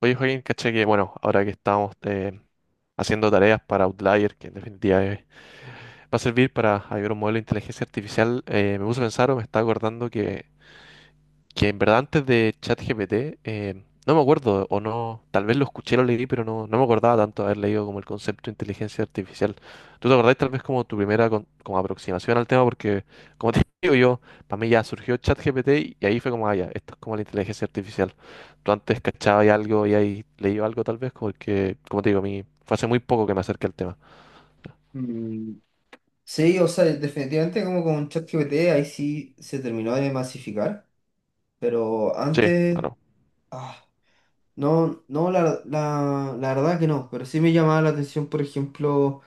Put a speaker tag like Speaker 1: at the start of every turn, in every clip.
Speaker 1: Oye, Joaquín, caché que, bueno, ahora que estamos haciendo tareas para Outlier, que en definitiva va a servir para hallar un modelo de inteligencia artificial, me puse a pensar o me estaba acordando que en verdad antes de ChatGPT, no me acuerdo, o no, tal vez lo escuché, lo leí, pero no me acordaba tanto de haber leído como el concepto de inteligencia artificial. ¿Tú te acordás tal vez como tu primera como aproximación al tema? Porque, como te digo yo, para mí ya surgió ChatGPT y ahí fue como, ah, ya, esto es como la inteligencia artificial, tú antes cachabas algo y ahí leído algo tal vez, porque, como te digo, a mí fue hace muy poco que me acerqué al tema.
Speaker 2: Mm. Sí, o sea, definitivamente como con ChatGPT ahí sí se terminó de masificar, pero
Speaker 1: Sí,
Speaker 2: antes,
Speaker 1: claro,
Speaker 2: ah, no, no, la verdad que no, pero sí me llamaba la atención, por ejemplo,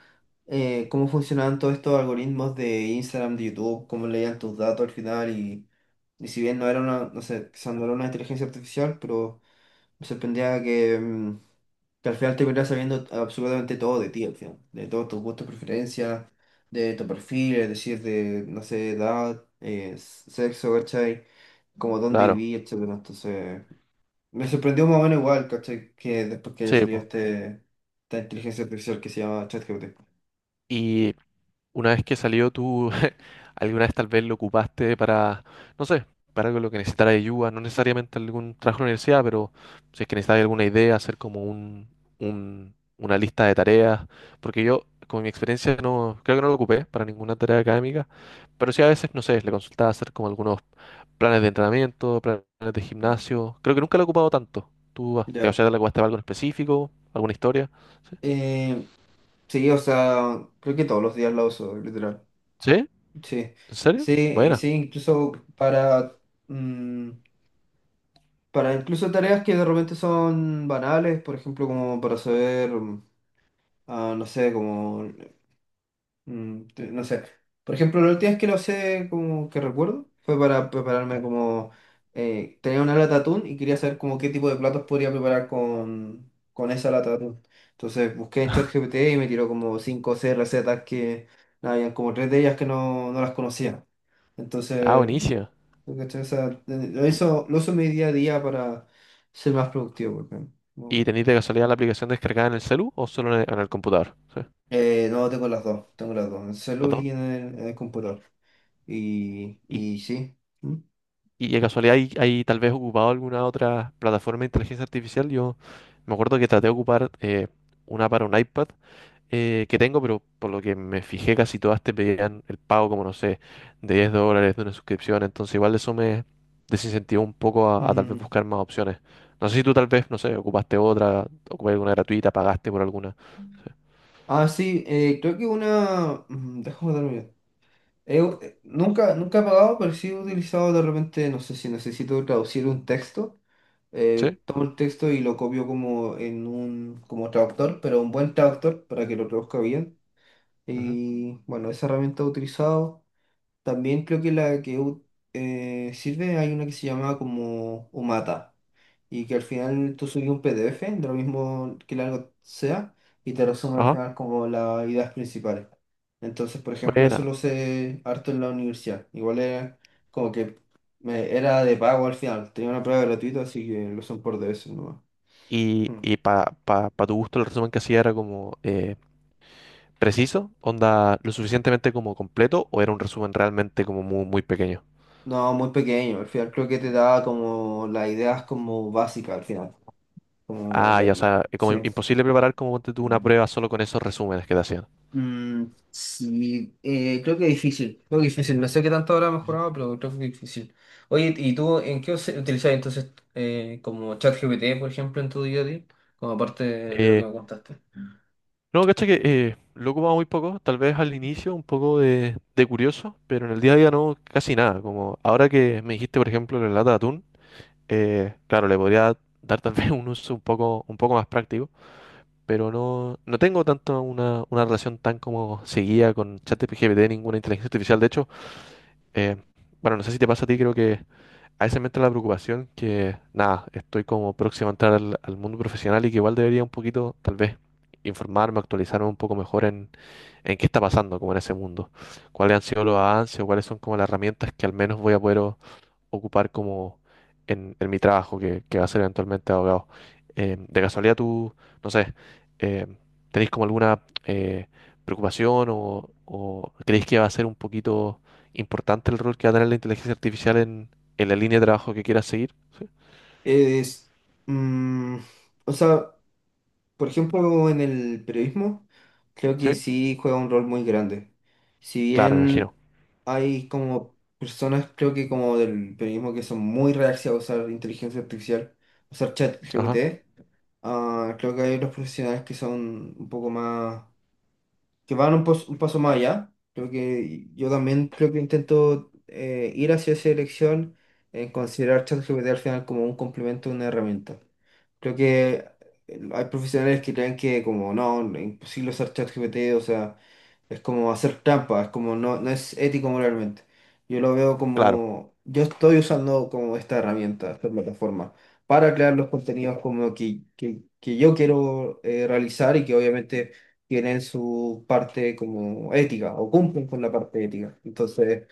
Speaker 2: cómo funcionaban todos estos algoritmos de Instagram, de YouTube, cómo leían tus datos al final y si bien no era una, no sé, quizás no una inteligencia artificial, pero... Me sorprendía que, al final te terminara sabiendo absolutamente todo de ti, al final. De todos tus gustos, preferencias, de tu perfil, es decir, de, no sé, edad, sexo, ¿cachai? Como dónde
Speaker 1: claro,
Speaker 2: viví, etcétera. Entonces, me sorprendió más o menos igual, ¿cachai? Que después que
Speaker 1: sí,
Speaker 2: salió
Speaker 1: po.
Speaker 2: esta inteligencia artificial que se llama ChatGPT.
Speaker 1: Y Una vez que salió, tú alguna vez tal vez lo ocupaste para, no sé, para algo en lo que necesitara ayuda, no necesariamente algún trabajo en la universidad, pero si es que necesitas alguna idea, hacer como una lista de tareas, porque yo, con mi experiencia, no, creo que no lo ocupé para ninguna tarea académica, pero sí a veces, no sé, le consultaba hacer como algunos planes de entrenamiento, planes de gimnasio, creo que nunca lo he ocupado tanto. ¿Tú, ah, o
Speaker 2: Ya.
Speaker 1: sea, te lo ocupaste para algo en específico, alguna historia? ¿Sí?
Speaker 2: Eh, sí, o sea, creo que todos los días la uso, literal.
Speaker 1: ¿Sí?
Speaker 2: Sí.
Speaker 1: ¿En serio?
Speaker 2: Sí, y
Speaker 1: Buena.
Speaker 2: sí, incluso mm, para incluso tareas que de repente son banales, por ejemplo, como para saber, no sé, como, no sé. Por ejemplo, la última vez que lo sé, como que recuerdo, fue para prepararme como, tenía una lata de atún y quería saber como qué tipo de platos podría preparar con esa lata de atún. Entonces busqué en ChatGPT y me tiró como 5 o 6 recetas que, nada, habían como tres de ellas que no, no las conocía.
Speaker 1: Ah,
Speaker 2: Entonces,
Speaker 1: buenísima.
Speaker 2: ¿no? ¿Cachai? O sea, lo uso en mi día a día para ser más productivo, porque
Speaker 1: ¿Y
Speaker 2: no,
Speaker 1: tenéis de casualidad la aplicación descargada en el celu o solo en el computador? Sí,
Speaker 2: No, tengo las dos, en el
Speaker 1: los
Speaker 2: celu
Speaker 1: dos.
Speaker 2: y en el, computador. Y,
Speaker 1: ¿Y,
Speaker 2: y sí. ¿Mm?
Speaker 1: y de casualidad hay tal vez ocupado alguna otra plataforma de inteligencia artificial? Yo me acuerdo que traté de ocupar una para un iPad que tengo, pero por lo que me fijé casi todas te pedían el pago, como no sé, de $10 de una suscripción. Entonces igual eso me desincentivó un poco a tal vez
Speaker 2: Mm.
Speaker 1: buscar más opciones. No sé si tú tal vez, no sé, ocupaste alguna gratuita, pagaste por alguna. Sí.
Speaker 2: Ah, sí, creo que una. Déjame darme. Nunca, nunca he pagado, pero sí he utilizado de repente, no sé si necesito traducir un texto.
Speaker 1: ¿Sí?
Speaker 2: Tomo el texto y lo copio como en un como traductor, pero un buen traductor para que lo traduzca bien.
Speaker 1: Ujú.
Speaker 2: Y bueno, esa herramienta he utilizado. También creo que la que sirve, hay una que se llama como Umata. Y que al final tú subes un PDF de lo mismo que largo sea y te resume al
Speaker 1: Ajá.
Speaker 2: final como las ideas principales. Entonces, por ejemplo,
Speaker 1: Buena.
Speaker 2: eso lo sé harto en la universidad. Igual era como que era de pago al final. Tenía una prueba gratuita, así que lo son por DS nomás. Mm.
Speaker 1: Y para tu gusto, el resumen que hacía era como preciso, onda lo suficientemente como completo, o era un resumen realmente como muy, muy pequeño.
Speaker 2: No, muy pequeño. Al final creo que te da como las ideas como básicas al final. Como
Speaker 1: Ah,
Speaker 2: la-
Speaker 1: ya, o sea, es como
Speaker 2: sí.
Speaker 1: imposible preparar como ponte tú una prueba solo con esos resúmenes que te hacían.
Speaker 2: Mm, sí, creo que difícil, creo que difícil. No sé qué tanto habrá
Speaker 1: Ujú.
Speaker 2: mejorado, pero creo que difícil. Oye, ¿y tú en qué utilizas entonces como ChatGPT, por ejemplo, en tu día a día? Como aparte de lo que
Speaker 1: Eh,
Speaker 2: me contaste.
Speaker 1: no, cacha que lo ocupaba muy poco, tal vez al inicio un poco de curioso, pero en el día a día no, casi nada. Como ahora que me dijiste, por ejemplo, la lata de atún, claro, le podría dar tal vez un uso un poco más práctico. Pero no, no tengo tanto una relación tan como seguía con ChatGPT, ninguna inteligencia artificial. De hecho, eh, bueno, no sé si te pasa a ti, creo que a veces me entra la preocupación que, nada, estoy como próximo a entrar al mundo profesional y que igual debería un poquito, tal vez, informarme, actualizarme un poco mejor en qué está pasando como en ese mundo, cuáles han sido los avances o cuáles son como las herramientas que al menos voy a poder ocupar como en mi trabajo, que va a ser eventualmente abogado. De casualidad tú, no sé, eh, ¿tenéis como alguna preocupación o creéis que va a ser un poquito importante el rol que va a tener la inteligencia artificial en la línea de trabajo que quieras seguir? ¿Sí?
Speaker 2: Es, mm, o sea, por ejemplo, en el periodismo, creo que
Speaker 1: ¿Sí?
Speaker 2: sí juega un rol muy grande. Si
Speaker 1: Claro, me
Speaker 2: bien
Speaker 1: imagino.
Speaker 2: hay como personas, creo que como del periodismo, que son muy reacias a usar inteligencia artificial, usar chat
Speaker 1: Ajá.
Speaker 2: GPT, creo que hay otros profesionales que son un poco más, que van un paso más allá. Creo que yo también creo que intento ir hacia esa dirección en considerar ChatGPT al final como un complemento, una herramienta. Creo que hay profesionales que creen que como no, es imposible usar ChatGPT, o sea, es como hacer trampa, es como no, no es ético moralmente. Yo lo veo
Speaker 1: Claro,
Speaker 2: como, yo estoy usando como esta herramienta, esta plataforma, para crear los contenidos como que yo quiero realizar y que obviamente tienen su parte como ética o cumplen con la parte ética. Entonces,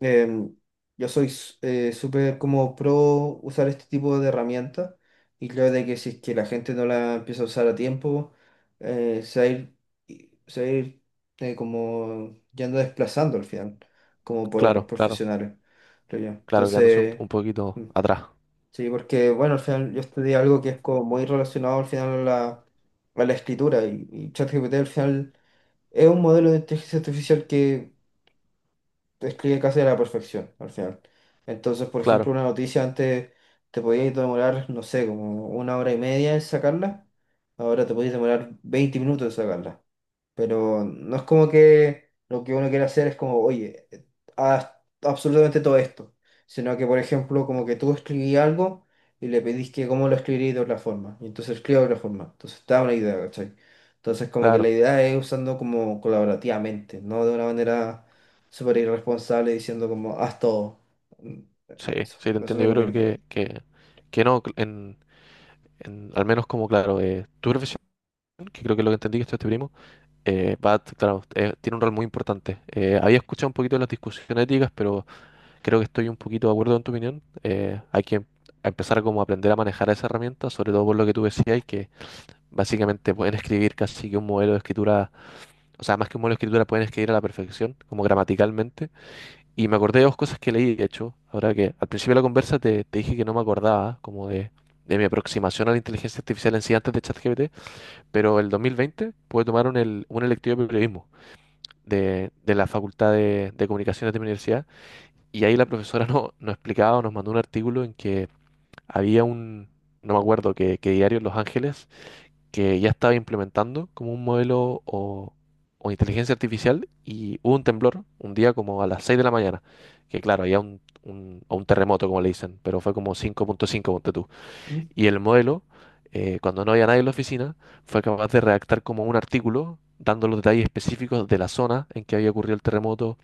Speaker 2: em, yo soy súper como pro usar este tipo de herramientas y creo de que si es que la gente no la empieza a usar a tiempo, eh, se va a ir, se va a ir como yendo desplazando al final, como por otros
Speaker 1: claro, claro,
Speaker 2: profesionales, creo yo.
Speaker 1: claro, quedándose
Speaker 2: Entonces,
Speaker 1: un poquito
Speaker 2: mm,
Speaker 1: atrás.
Speaker 2: sí, porque bueno, al final yo estudié algo que es como muy relacionado al final a la, escritura y ChatGPT al final es un modelo de inteligencia artificial que describe casi a la perfección al final. Entonces, por ejemplo,
Speaker 1: Claro,
Speaker 2: una noticia antes te podías demorar, no sé, como una hora y media en sacarla, ahora te podías demorar 20 minutos en sacarla. Pero no es como que lo que uno quiere hacer es como, oye, haz absolutamente todo esto. Sino que, por ejemplo, como que tú escribí algo y le pedís que cómo lo escribí de otra forma. Y entonces escribo de otra forma. Entonces te da una idea, ¿cachai? Entonces como que la
Speaker 1: claro.
Speaker 2: idea es usando como colaborativamente, no de una manera súper irresponsable diciendo como, haz todo. Mm,
Speaker 1: Sí,
Speaker 2: Eso,
Speaker 1: sí, te
Speaker 2: eso es
Speaker 1: entiendo.
Speaker 2: lo que
Speaker 1: Yo creo
Speaker 2: opino.
Speaker 1: que no, al menos como claro, tu profesión que creo que es lo que entendí que esto es este primo, Bat, claro, tiene un rol muy importante. Había escuchado un poquito de las discusiones éticas, pero creo que estoy un poquito de acuerdo en tu opinión. Hay que empezar como a aprender a manejar esa herramienta, sobre todo por lo que tú decías, y que básicamente pueden escribir casi que un modelo de escritura, o sea, más que un modelo de escritura, pueden escribir a la perfección, como gramaticalmente. Y me acordé de dos cosas que leí, de hecho, ahora que al principio de la conversa te dije que no me acordaba, como de mi aproximación a la inteligencia artificial en sí antes de ChatGPT, pero el 2020 pude tomar un electivo de periodismo de la Facultad de Comunicaciones de mi universidad, y ahí la profesora no, nos explicaba, nos mandó un artículo en que había un, no me acuerdo qué qué diario en Los Ángeles, que ya estaba implementando como un modelo o inteligencia artificial, y hubo un temblor un día como a las 6 de la mañana, que claro, había un, o un terremoto como le dicen, pero fue como 5.5, ponte tú.
Speaker 2: ¿Mm?
Speaker 1: Y el modelo, cuando no había nadie en la oficina, fue capaz de redactar como un artículo dando los detalles específicos de la zona en que había ocurrido el terremoto,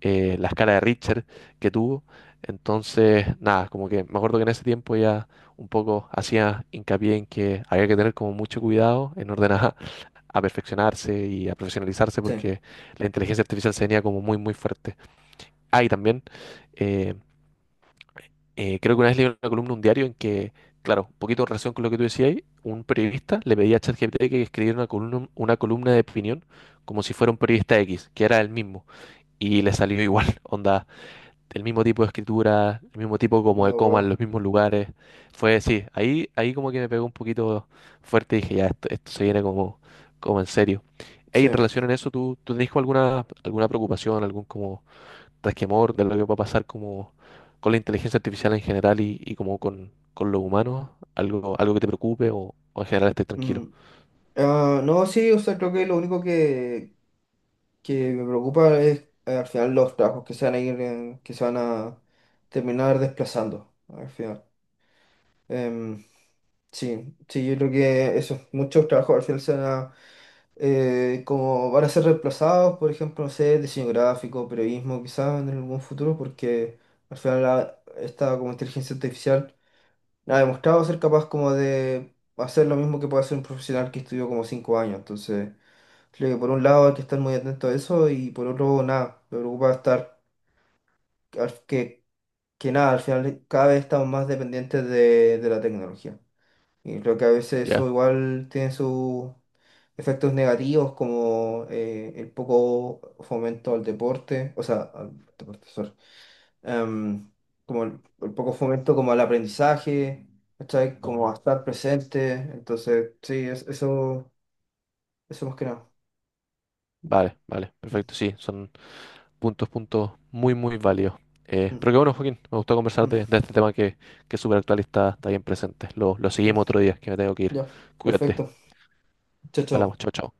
Speaker 1: la escala de Richter que tuvo. Entonces, nada, como que me acuerdo que en ese tiempo ya un poco hacía hincapié en que había que tener como mucho cuidado en orden a perfeccionarse y a profesionalizarse
Speaker 2: Sí,
Speaker 1: porque la inteligencia artificial se venía como muy, muy fuerte. Ah, y también eh, creo que una vez leí una columna, en un diario, en que, claro, un poquito en relación con lo que tú decías, ahí, un periodista le pedía a ChatGPT que escribiera una columna de opinión como si fuera un periodista X, que era el mismo, y le salió igual, onda, el mismo tipo de escritura, el mismo tipo como de
Speaker 2: no,
Speaker 1: coma, en
Speaker 2: wow.
Speaker 1: los mismos lugares. Fue, sí, ahí, ahí como que me pegó un poquito fuerte y dije, ya, esto se viene como, como en serio. Ey,
Speaker 2: Sí.
Speaker 1: en relación a eso, ¿tú, tú tenés como alguna, alguna preocupación, algún como resquemor de lo que va a pasar como con la inteligencia artificial en general y como con los humanos, algo, algo que te preocupe o en general estés
Speaker 2: Mm.
Speaker 1: tranquilo?
Speaker 2: Ah, no, sí, o sea, creo que lo único que me preocupa es al final los trabajos que se van a ir, que se van a terminar desplazando al final. Em, sí, sí, yo creo que esos muchos trabajos al final como van a ser reemplazados, por ejemplo, no sé, diseño gráfico, periodismo, quizás en algún futuro, porque al final esta como inteligencia artificial no ha demostrado ser capaz como de hacer lo mismo que puede hacer un profesional que estudió como 5 años, entonces. Creo que por un lado hay que estar muy atento a eso y por otro nada, me preocupa estar al- que, que nada, al final cada vez estamos más dependientes de, la tecnología. Y creo que a veces eso
Speaker 1: Ya,
Speaker 2: igual tiene sus efectos negativos como el poco fomento al deporte, o sea, al deporte, sorry, em, como el poco fomento como al aprendizaje, ¿cachai? Como a estar presente. Entonces, sí, eso, eso más que nada.
Speaker 1: vale, vale,
Speaker 2: Mm,
Speaker 1: perfecto, sí, son puntos, puntos muy, muy válidos.
Speaker 2: mm,
Speaker 1: Pero qué bueno, Joaquín, me gustó conversar
Speaker 2: mm,
Speaker 1: de este tema que es súper actual y está, está bien presente. Lo seguimos
Speaker 2: sí.
Speaker 1: otro día, que me tengo que ir.
Speaker 2: Ya,
Speaker 1: Cuídate,
Speaker 2: perfecto. Chao, chao.
Speaker 1: hablamos, chao, chao.